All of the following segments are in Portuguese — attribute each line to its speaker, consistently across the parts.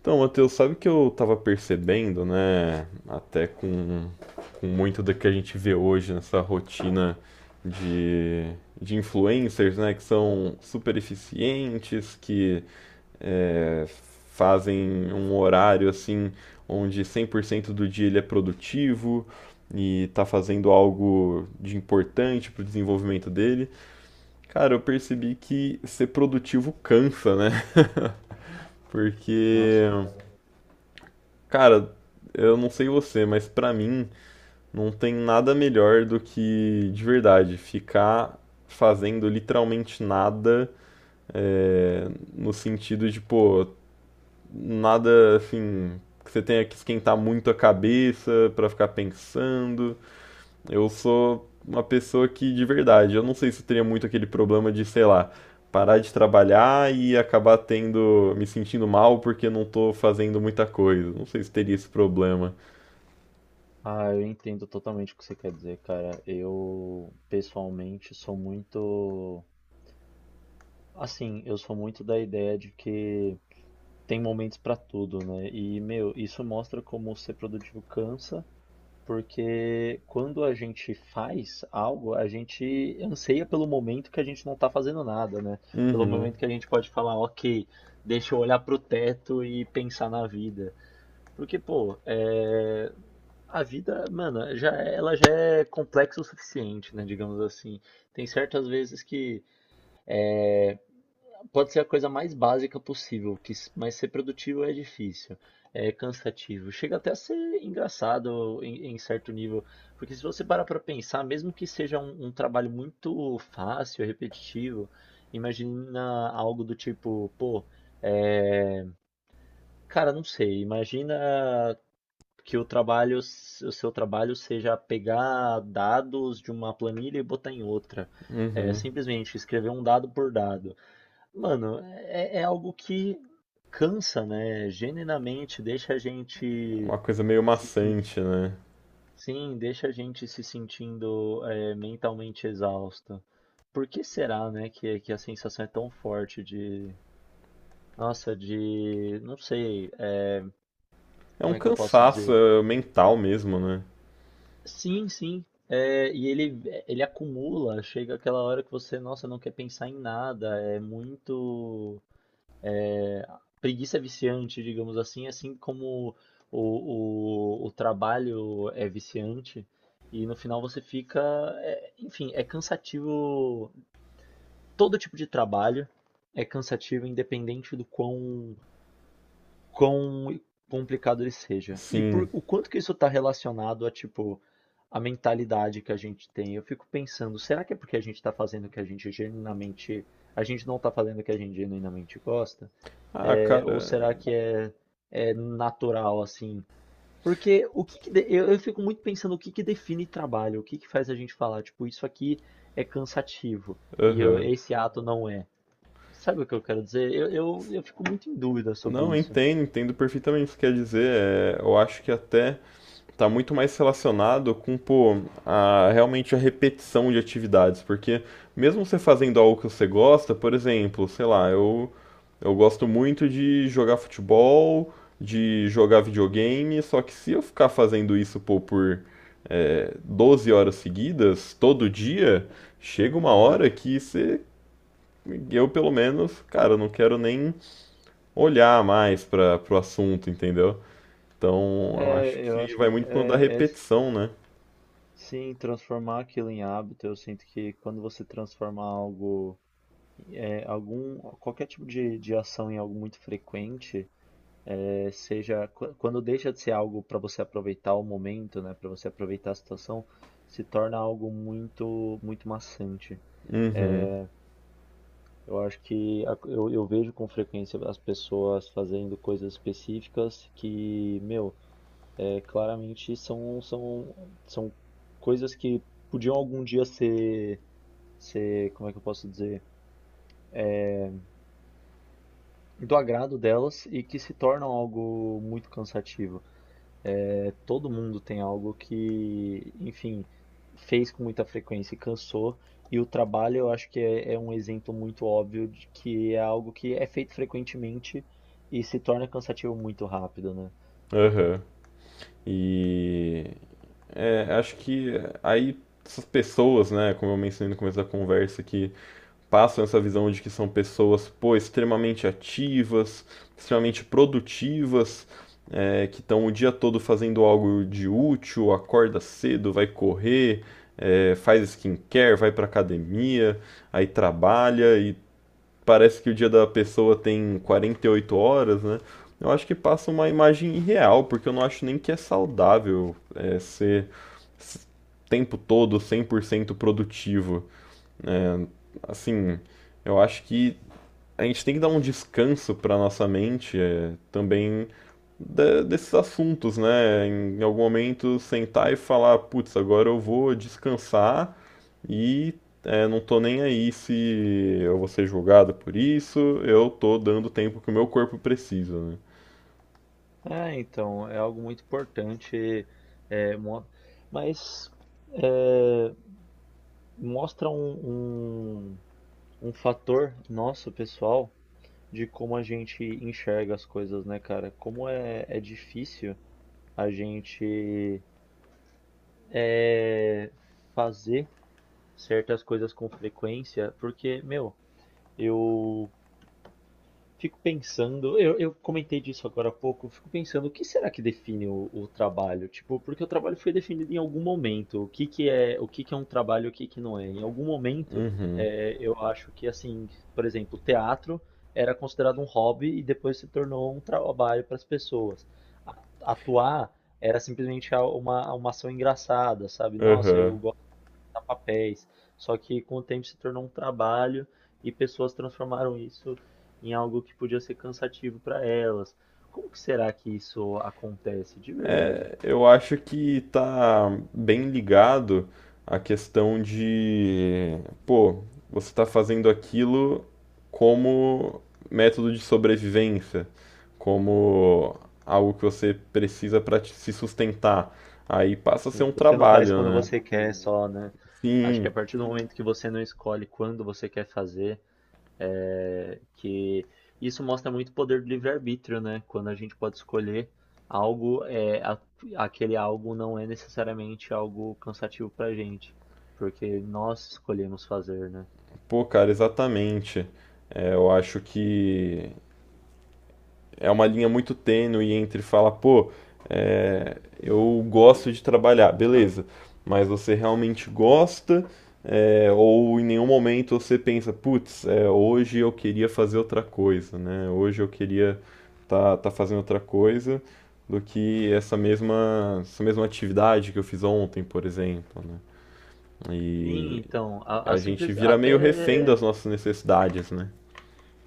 Speaker 1: Então, Matheus, sabe que eu tava percebendo, né? Até com muito do que a gente vê hoje nessa rotina de, de influencers, né? Que são super eficientes, que é, fazem um horário assim, onde 100% do dia ele é produtivo e tá fazendo algo de importante pro desenvolvimento dele. Cara, eu percebi que ser produtivo cansa, né? Porque.
Speaker 2: Nossa, cara.
Speaker 1: Cara, eu não sei você, mas pra mim não tem nada melhor do que, de verdade, ficar fazendo literalmente nada, é, no sentido de, pô, nada assim, que você tenha que esquentar muito a cabeça pra ficar pensando. Eu sou uma pessoa que, de verdade, eu não sei se eu teria muito aquele problema de, sei lá, parar de trabalhar e acabar tendo, me sentindo mal porque não tô fazendo muita coisa. Não sei se teria esse problema.
Speaker 2: Ah, eu entendo totalmente o que você quer dizer, cara. Eu, pessoalmente, sou muito. Assim, eu sou muito da ideia de que tem momentos pra tudo, né? E, meu, isso mostra como ser produtivo cansa, porque quando a gente faz algo, a gente anseia pelo momento que a gente não tá fazendo nada, né? Pelo
Speaker 1: Uhum,
Speaker 2: momento que a gente pode falar, ok, deixa eu olhar pro teto e pensar na vida. Porque, pô, a vida, mano, ela já é complexa o suficiente, né? Digamos assim. Tem certas vezes que pode ser a coisa mais básica possível, mas ser produtivo é difícil, é cansativo. Chega até a ser engraçado em, certo nível, porque se você parar pra pensar, mesmo que seja um trabalho muito fácil, repetitivo, imagina algo do tipo, pô, é, cara, não sei, imagina que o seu trabalho seja pegar dados de uma planilha e botar em outra. É,
Speaker 1: uhum.
Speaker 2: simplesmente escrever um dado por dado. Mano, é algo que cansa, né? Genuinamente deixa a gente
Speaker 1: Uma coisa meio
Speaker 2: se, sen-
Speaker 1: maçante, né?
Speaker 2: sim, deixa a gente se sentindo mentalmente exausto. Por que será, né, que a sensação é tão forte de, nossa, de, não sei,
Speaker 1: É um
Speaker 2: como é que eu posso
Speaker 1: cansaço
Speaker 2: dizer?
Speaker 1: mental mesmo, né?
Speaker 2: Sim, sim. É, e ele, acumula, chega aquela hora que você, nossa, não quer pensar em nada, é muito preguiça viciante, digamos assim, assim como o trabalho é viciante, e no final você fica, enfim, é cansativo, todo tipo de trabalho é cansativo, independente do quão complicado ele seja. E
Speaker 1: Sim.
Speaker 2: por, o quanto que isso está relacionado a, tipo, a mentalidade que a gente tem. Eu fico pensando, será que é porque a gente está fazendo o que a gente genuinamente, a gente não está fazendo o que a gente genuinamente gosta?
Speaker 1: Ah,
Speaker 2: Ou
Speaker 1: cara.
Speaker 2: será que é natural assim? Porque o que, que de- eu fico muito pensando o que que define trabalho, o que que faz a gente falar, tipo, isso aqui é cansativo e
Speaker 1: Aham.
Speaker 2: esse ato não é. Sabe o que eu quero dizer? Eu fico muito em dúvida sobre
Speaker 1: Não,
Speaker 2: isso.
Speaker 1: entendo, entendo perfeitamente o que quer dizer. É, eu acho que até tá muito mais relacionado com, pô, a, realmente a repetição de atividades. Porque mesmo você fazendo algo que você gosta, por exemplo, sei lá, eu gosto muito de jogar futebol, de jogar videogame, só que se eu ficar fazendo isso, pô, por 12 horas seguidas, todo dia, chega uma hora
Speaker 2: Uhum.
Speaker 1: que você. Eu, pelo menos, cara, não quero nem olhar mais para pro assunto, entendeu? Então, eu acho
Speaker 2: É, eu
Speaker 1: que
Speaker 2: acho
Speaker 1: vai
Speaker 2: que
Speaker 1: muito por conta da repetição, né?
Speaker 2: sim, transformar aquilo em hábito, eu sinto que quando você transforma algo, qualquer tipo de, ação em algo muito frequente, quando deixa de ser algo para você aproveitar o momento, né, para você aproveitar a situação, se torna algo muito, muito maçante.
Speaker 1: Uhum,
Speaker 2: Eu acho que eu vejo com frequência as pessoas fazendo coisas específicas que, meu, claramente são coisas que podiam algum dia ser como é que eu posso dizer, do agrado delas e que se tornam algo muito cansativo. É, todo mundo tem algo que, enfim, fez com muita frequência e cansou. E o trabalho, eu acho que é um exemplo muito óbvio de que é algo que é feito frequentemente e se torna cansativo muito rápido, né?
Speaker 1: aham. E acho que aí essas pessoas, né, como eu mencionei no começo da conversa, que passam essa visão de que são pessoas, pô, extremamente ativas, extremamente produtivas, que estão o dia todo fazendo algo de útil, acorda cedo, vai correr, faz skincare, vai pra academia, aí trabalha e parece que o dia da pessoa tem 48 horas, né? Eu acho que passa uma imagem irreal, porque eu não acho nem que é saudável s- tempo todo 100% produtivo. Assim, eu acho que a gente tem que dar um descanso para nossa mente também desses assuntos, né? Em algum momento sentar e falar, putz, agora eu vou descansar e não tô nem aí se eu vou ser julgado por isso, eu tô dando tempo que o meu corpo precisa, né?
Speaker 2: É, então, é algo muito importante, é, mo- mas é, mostra um, um fator nosso, pessoal, de como a gente enxerga as coisas, né, cara? Como é difícil a gente é, fazer certas coisas com frequência, porque, meu, eu fico pensando, eu comentei disso agora há pouco, fico pensando o que será que define o trabalho? Tipo, porque o trabalho foi definido em algum momento. O que que é, o que que é um trabalho, o que que não é? Em algum momento, eu acho que assim, por exemplo, teatro era considerado um hobby e depois se tornou um trabalho para as pessoas. Atuar era simplesmente uma ação engraçada, sabe? Nossa,
Speaker 1: Aham.
Speaker 2: eu a papéis. Só que com o tempo se tornou um trabalho e pessoas transformaram isso em algo que podia ser cansativo para elas. Como que será que isso acontece de verdade?
Speaker 1: Eu acho que tá bem ligado à questão de, pô, você tá fazendo aquilo como método de sobrevivência, como algo que você precisa para se sustentar. Aí passa a ser
Speaker 2: Sim,
Speaker 1: um
Speaker 2: você não faz
Speaker 1: trabalho,
Speaker 2: quando
Speaker 1: né?
Speaker 2: você quer só, né? Acho que a
Speaker 1: Sim,
Speaker 2: partir do momento que você não escolhe quando você quer fazer, que isso mostra muito o poder do livre-arbítrio, né? Quando a gente pode escolher algo, aquele algo não é necessariamente algo cansativo pra gente, porque nós escolhemos fazer, né?
Speaker 1: pô, cara, exatamente. É, eu acho que é uma linha muito tênue entre falar, pô, eu gosto de trabalhar, beleza, mas você realmente gosta ou em nenhum momento você pensa, putz, é, hoje eu queria fazer outra coisa, né? Hoje eu queria tá fazendo outra coisa do que essa mesma atividade que eu fiz ontem, por exemplo, né?
Speaker 2: Sim,
Speaker 1: E
Speaker 2: então, a
Speaker 1: a gente
Speaker 2: simples,
Speaker 1: vira
Speaker 2: até
Speaker 1: meio refém das nossas necessidades, né?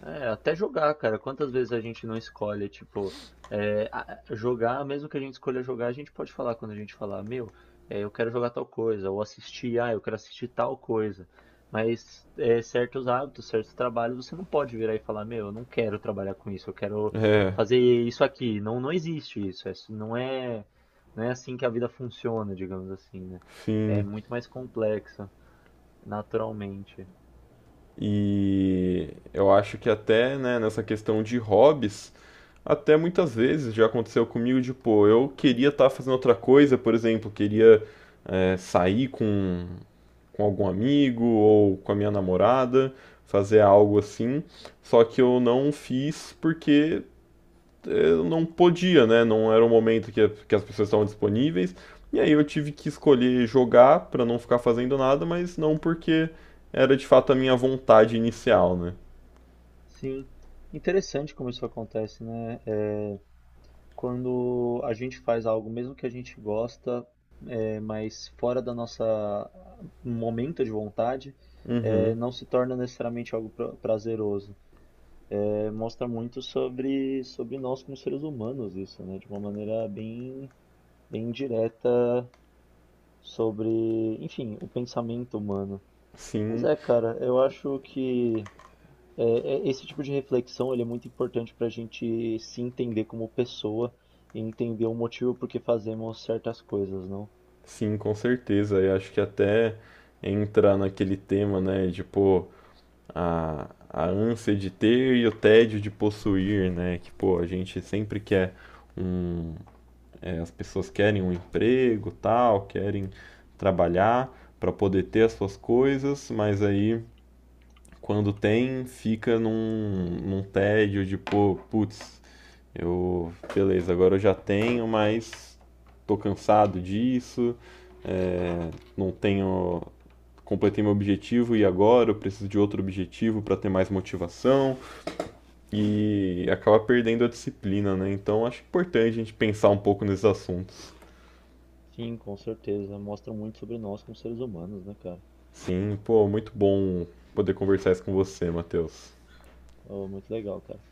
Speaker 2: É, até jogar, cara. Quantas vezes a gente não escolhe, tipo, é, a- jogar, mesmo que a gente escolha jogar, a gente pode falar quando a gente falar, meu, eu quero jogar tal coisa, ou assistir, ah, eu quero assistir tal coisa. Mas certos hábitos, certos trabalhos, você não pode virar e falar, meu, eu não quero trabalhar com isso, eu quero
Speaker 1: É,
Speaker 2: fazer isso aqui. Não, não existe isso. Não é, não é assim que a vida funciona, digamos assim, né? É
Speaker 1: enfim.
Speaker 2: muito mais complexa, naturalmente.
Speaker 1: E eu acho que até, né, nessa questão de hobbies, até muitas vezes já aconteceu comigo de, pô, eu queria estar fazendo outra coisa, por exemplo, queria sair com algum amigo ou com a minha namorada, fazer algo assim, só que eu não fiz porque eu não podia, né? Não era o momento que as pessoas estavam disponíveis. E aí eu tive que escolher jogar para não ficar fazendo nada, mas não porque era de fato a minha vontade inicial, né?
Speaker 2: Sim, interessante como isso acontece, né? É, quando a gente faz algo, mesmo que a gente gosta, mas fora da nossa um momento de vontade,
Speaker 1: Uhum.
Speaker 2: não se torna necessariamente algo prazeroso. É, mostra muito sobre nós como seres humanos isso, né? De uma maneira bem direta sobre, enfim, o pensamento humano. Mas
Speaker 1: Sim,
Speaker 2: cara, eu acho que É, esse tipo de reflexão ele é muito importante para a gente se entender como pessoa e entender o motivo por que fazemos certas coisas, não?
Speaker 1: sim, com certeza. Eu acho que até entra naquele tema, né, de pô, a ânsia de ter e o tédio de possuir, né, que pô, a gente sempre quer um, as pessoas querem um emprego, tal, querem trabalhar para poder ter as suas coisas, mas aí quando tem, fica num tédio de, pô, putz, eu, beleza, agora eu já tenho, mas tô cansado disso, é, não tenho, completei meu objetivo e agora eu preciso de outro objetivo para ter mais motivação e acaba perdendo a disciplina, né? Então acho importante a gente pensar um pouco nesses assuntos.
Speaker 2: Sim, com certeza. Mostra muito sobre nós como seres humanos, né, cara?
Speaker 1: Sim, pô, muito bom poder conversar isso com você, Matheus.
Speaker 2: Oh, muito legal, cara.